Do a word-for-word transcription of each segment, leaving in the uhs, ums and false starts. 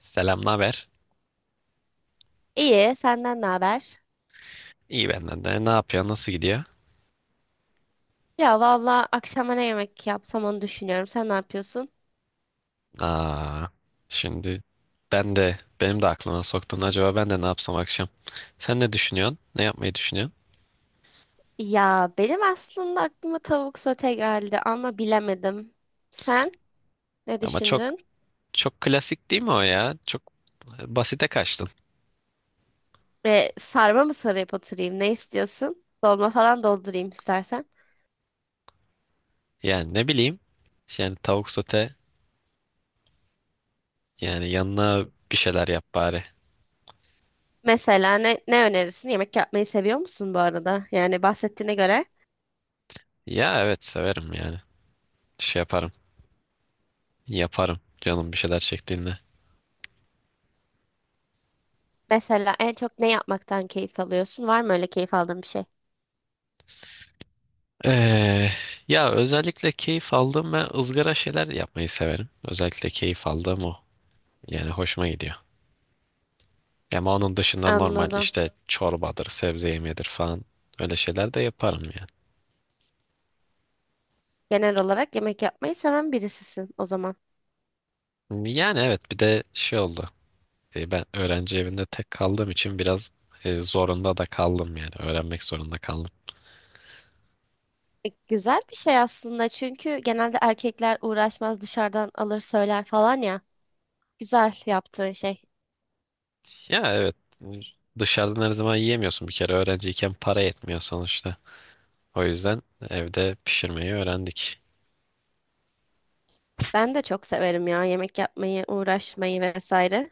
Selam, ne haber? İyi, senden ne haber? İyi benden de. Ne yapıyor? Nasıl gidiyor? Ya valla akşama ne yemek yapsam onu düşünüyorum. Sen ne yapıyorsun? Aa, şimdi ben de benim de aklıma soktun. Acaba ben de ne yapsam akşam? Sen ne düşünüyorsun? Ne yapmayı düşünüyorsun? Ya benim aslında aklıma tavuk sote geldi ama bilemedim. Sen ne Ama çok düşündün? çok klasik değil mi o ya? Çok basite kaçtın. Ve sarma mı sarıp oturayım? Ne istiyorsun? Dolma falan doldurayım istersen. Yani ne bileyim. Yani tavuk sote yani yanına bir şeyler yap bari. Mesela ne, ne önerirsin? Yemek yapmayı seviyor musun bu arada? Yani bahsettiğine göre. Ya evet severim yani. Şey yaparım. Yaparım. Canım bir şeyler çektiğinde. Mesela en çok ne yapmaktan keyif alıyorsun? Var mı öyle keyif aldığın bir şey? Ee, Ya özellikle keyif aldığım ve ızgara şeyler yapmayı severim. Özellikle keyif aldığım o. Yani hoşuma gidiyor. Ama onun dışında normal Anladım. işte çorbadır, sebze yemeğidir falan öyle şeyler de yaparım Genel olarak yemek yapmayı seven birisisin o zaman. yani. Yani evet bir de şey oldu. Ee, Ben öğrenci evinde tek kaldığım için biraz e, zorunda da kaldım yani. Öğrenmek zorunda kaldım. E, Güzel bir şey aslında çünkü genelde erkekler uğraşmaz dışarıdan alır söyler falan ya. Güzel yaptığın şey. Ya evet, dışarıdan her zaman yiyemiyorsun bir kere, öğrenciyken para yetmiyor sonuçta. O yüzden evde pişirmeyi öğrendik. Ben de çok severim ya yemek yapmayı, uğraşmayı vesaire.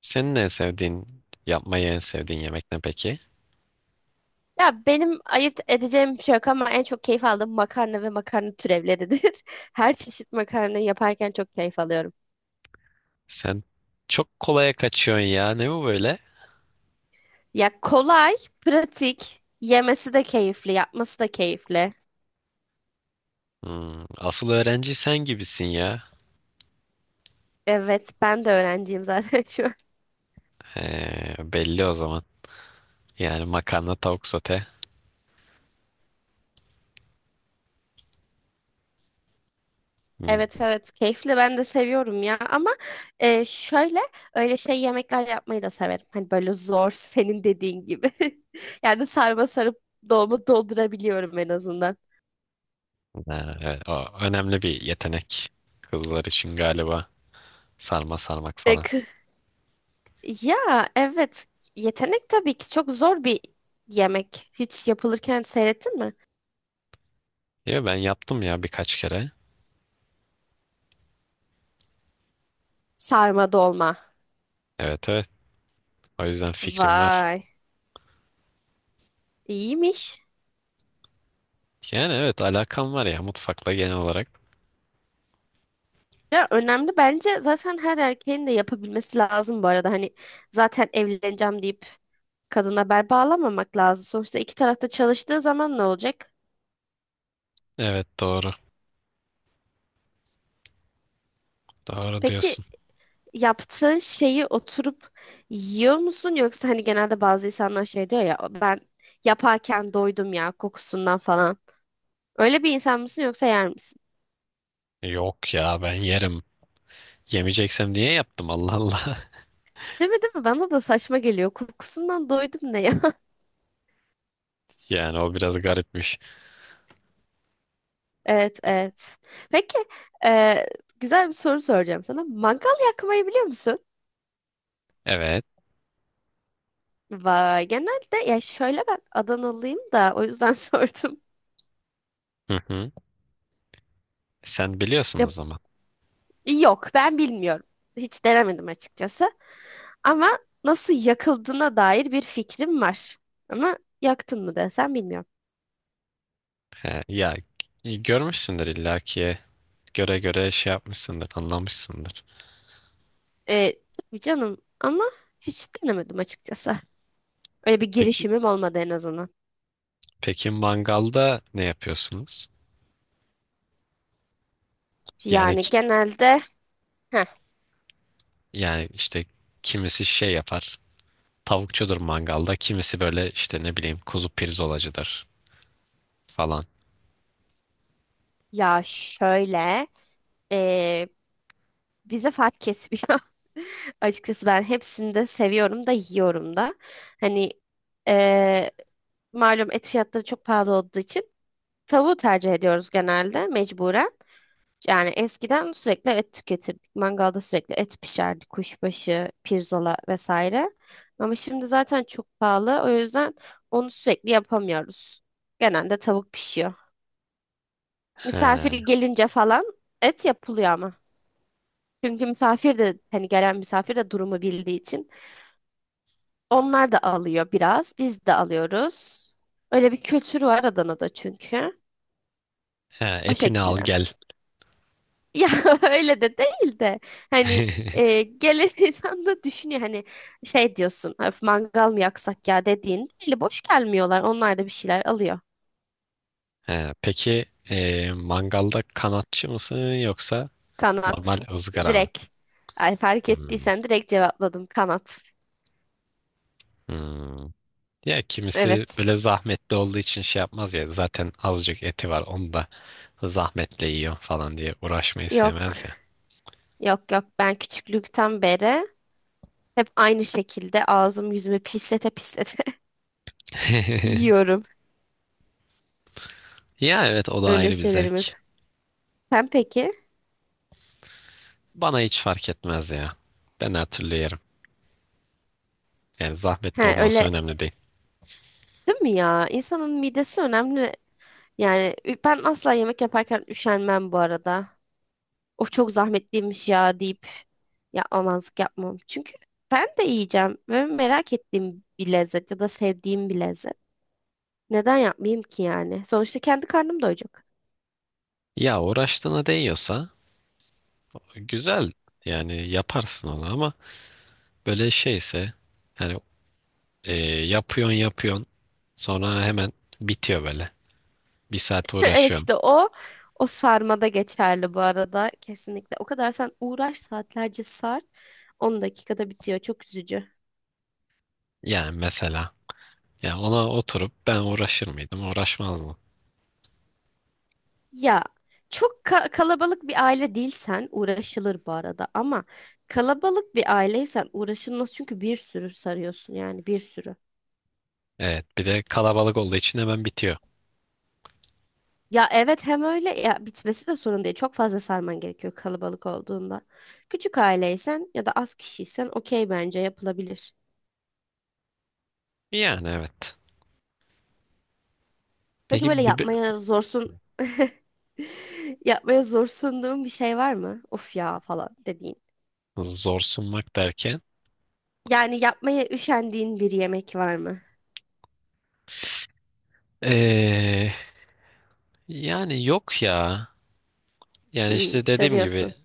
Senin en sevdiğin, yapmayı en sevdiğin yemek ne peki? Ya benim ayırt edeceğim bir şey yok ama en çok keyif aldığım makarna ve makarna türevleridir. Her çeşit makarna yaparken çok keyif alıyorum. Sen çok kolaya kaçıyorsun ya. Ne bu böyle? Ya kolay, pratik, yemesi de keyifli, yapması da keyifli. Hmm, asıl öğrenci sen gibisin ya. Evet, ben de öğrenciyim zaten şu an. He, belli o zaman. Yani makarna, tavuk sote. Hmm, Evet evet keyifli ben de seviyorum ya ama e, şöyle öyle şey yemekler yapmayı da severim. Hani böyle zor senin dediğin gibi. Yani sarma sarıp dolma doldurabiliyorum en azından. ha, evet, o önemli bir yetenek. Kızlar için galiba sarma sarmak falan. Peki. Ya evet yetenek tabii ki çok zor bir yemek. Hiç yapılırken seyrettin mi? Ya ben yaptım ya birkaç kere. Sarma dolma. Evet, evet. O yüzden fikrim var. Vay iyiymiş. Yani evet, alakam var ya mutfakla genel olarak. Ya önemli bence zaten her erkeğin de yapabilmesi lazım bu arada. Hani zaten evleneceğim deyip kadına bel bağlamamak lazım. Sonuçta iki tarafta çalıştığı zaman ne olacak? Evet, doğru. Doğru diyorsun. Peki yaptığın şeyi oturup yiyor musun? Yoksa hani genelde bazı insanlar şey diyor ya ben yaparken doydum ya kokusundan falan. Öyle bir insan mısın yoksa yer misin? Yok ya, ben yerim. Yemeyeceksem niye yaptım, Allah Allah. Değil mi değil mi? Bana da saçma geliyor. Kokusundan doydum ne ya? Yani o biraz garipmiş. Evet evet. Peki e, güzel bir soru soracağım sana. Mangal yakmayı biliyor musun? Evet. Vay genelde ya şöyle ben Adanalıyım da o yüzden sordum. Hı hı. Sen biliyorsun Ya o zaman. yok, ben bilmiyorum. Hiç denemedim açıkçası. Ama nasıl yakıldığına dair bir fikrim var. Ama yaktın mı desem bilmiyorum. He, ya e, görmüşsündür illaki. Göre göre şey yapmışsındır, anlamışsındır. Ee, tabii canım ama hiç denemedim açıkçası. Öyle bir Peki girişimim olmadı en azından. peki mangalda ne yapıyorsunuz? Yani Yani ki- genelde heh, yani işte kimisi şey yapar. Tavukçudur mangalda. Kimisi böyle işte ne bileyim kuzu pirzolacıdır falan. ya şöyle ee, bize fark kesmiyor. Açıkçası ben hepsini de seviyorum da yiyorum da. Hani ee, malum et fiyatları çok pahalı olduğu için tavuğu tercih ediyoruz genelde mecburen. Yani eskiden sürekli et tüketirdik. Mangalda sürekli et pişerdi. Kuşbaşı, pirzola vesaire. Ama şimdi zaten çok pahalı. O yüzden onu sürekli yapamıyoruz. Genelde tavuk pişiyor. Misafir He, gelince falan et yapılıyor ama. Çünkü misafir de hani gelen misafir de durumu bildiği için onlar da alıyor biraz. Biz de alıyoruz. Öyle bir kültür var Adana'da çünkü. he, O etini al şekilde. gel. Ya öyle de değil de hani e, gelen insan da düşünüyor hani şey diyorsun, "Öf, mangal mı yaksak ya," dediğin eli boş gelmiyorlar onlar da bir şeyler alıyor He, peki e, mangalda kanatçı mısın, yoksa kanat normal ızgara mı? direkt ay, fark Hmm, ettiysen direkt cevapladım kanat hmm. Ya kimisi evet böyle zahmetli olduğu için şey yapmaz ya. Zaten azıcık eti var. Onu da zahmetle yiyor falan diye uğraşmayı yok sevmez ya. yok yok ben küçüklükten beri hep aynı şekilde ağzım yüzümü pislete pislete yiyorum Ya evet, o da öyle ayrı bir şeylerimi zevk. sen peki Bana hiç fark etmez ya. Ben her türlü yerim. Yani zahmetli ha olması öyle önemli değil. değil mi ya. İnsanın midesi önemli. Yani ü- ben asla yemek yaparken üşenmem bu arada. Of çok zahmetliymiş ya deyip yapmamazlık yapmam. Çünkü ben de yiyeceğim ve merak ettiğim bir lezzet ya da sevdiğim bir lezzet. Neden yapmayayım ki yani? Sonuçta kendi karnım doyacak. Ya uğraştığına değiyorsa güzel. Yani yaparsın onu ama böyle şeyse yani e, yapıyorsun yapıyorsun sonra hemen bitiyor böyle. Bir saat Evet uğraşıyorsun. işte o o sarmada geçerli bu arada kesinlikle. O kadar sen uğraş saatlerce sar on dakikada bitiyor. Çok üzücü. Yani mesela ya ona oturup ben uğraşır mıydım? Uğraşmazdım. Ya çok ka- kalabalık bir aile değilsen uğraşılır bu arada ama kalabalık bir aileysen uğraşılmaz çünkü bir sürü sarıyorsun yani bir sürü. Evet, bir de kalabalık olduğu için hemen bitiyor. Ya evet hem öyle ya bitmesi de sorun değil. Çok fazla sarman gerekiyor kalabalık olduğunda. Küçük aileysen ya da az kişiysen okey bence yapılabilir. Yani evet. Peki böyle Peki bir yapmaya zorsun yapmaya zorsunduğun bir şey var mı? Of ya falan dediğin. zor sunmak derken Yani yapmaya üşendiğin bir yemek var mı? ee, yani yok ya. Yani Hmm, işte dediğim gibi seviyorsun.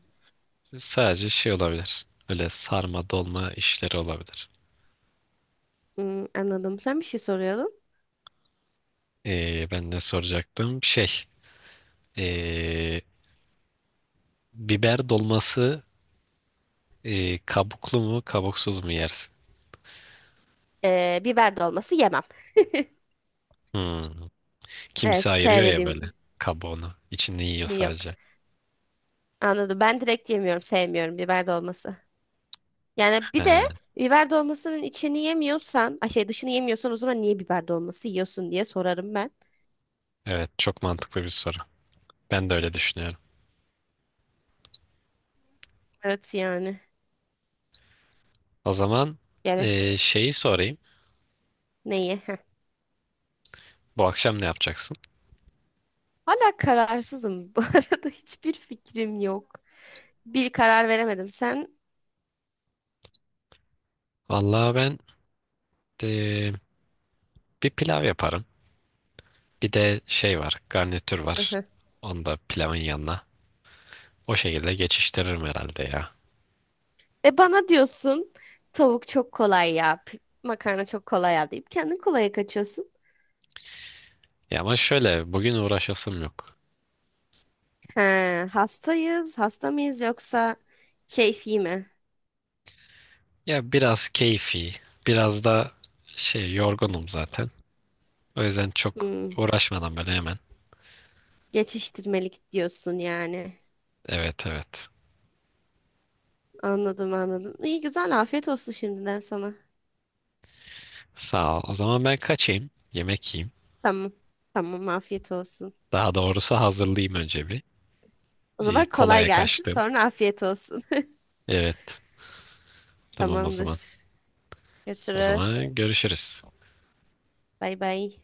sadece şey olabilir. Öyle sarma dolma işleri olabilir. Hmm, anladım. Sen bir şey soruyordun. Ee, ben ne soracaktım? Şey, ee, biber dolması, ee, kabuklu mu kabuksuz mu yersin? Ee, biber dolması yemem. Hmm. Evet, Kimse ayırıyor ya sevmediğim böyle kabuğunu. İçini yiyor yok. sadece. Anladım. Ben direkt yemiyorum. Sevmiyorum biber dolması. Yani bir He, de biber dolmasının içini yemiyorsan, ay şey dışını yemiyorsan o zaman niye biber dolması yiyorsun diye sorarım ben. evet, çok mantıklı bir soru. Ben de öyle düşünüyorum. Evet yani. O zaman Yani e, şeyi sorayım. neyi? Heh. Bu akşam ne yapacaksın? Hala kararsızım. Bu arada hiçbir fikrim yok. Bir karar veremedim. Sen? Vallahi ben e, bir pilav yaparım. Bir de şey var, garnitür Hı var. hı. Onu da pilavın yanına. O şekilde geçiştiririm herhalde ya. E bana diyorsun tavuk çok kolay ya. p- Makarna çok kolay ya deyip kendin kolaya kaçıyorsun. Ya ama şöyle, bugün uğraşasım yok. He, hastayız, hasta mıyız yoksa keyfi mi? Ya biraz keyfi, biraz da şey, yorgunum zaten. O yüzden çok Hmm, uğraşmadan böyle hemen. geçiştirmelik diyorsun yani. Evet, evet. Anladım anladım. İyi güzel afiyet olsun şimdiden sana. Sağ ol. O zaman ben kaçayım. Yemek yiyeyim. Tamam. Tamam afiyet olsun. Daha doğrusu hazırlayayım önce bir. O Ee, zaman kolay Kolaya gelsin kaçtım. sonra afiyet olsun. Evet. Tamam o zaman. Tamamdır. O Görüşürüz. zaman görüşürüz. Bay bay.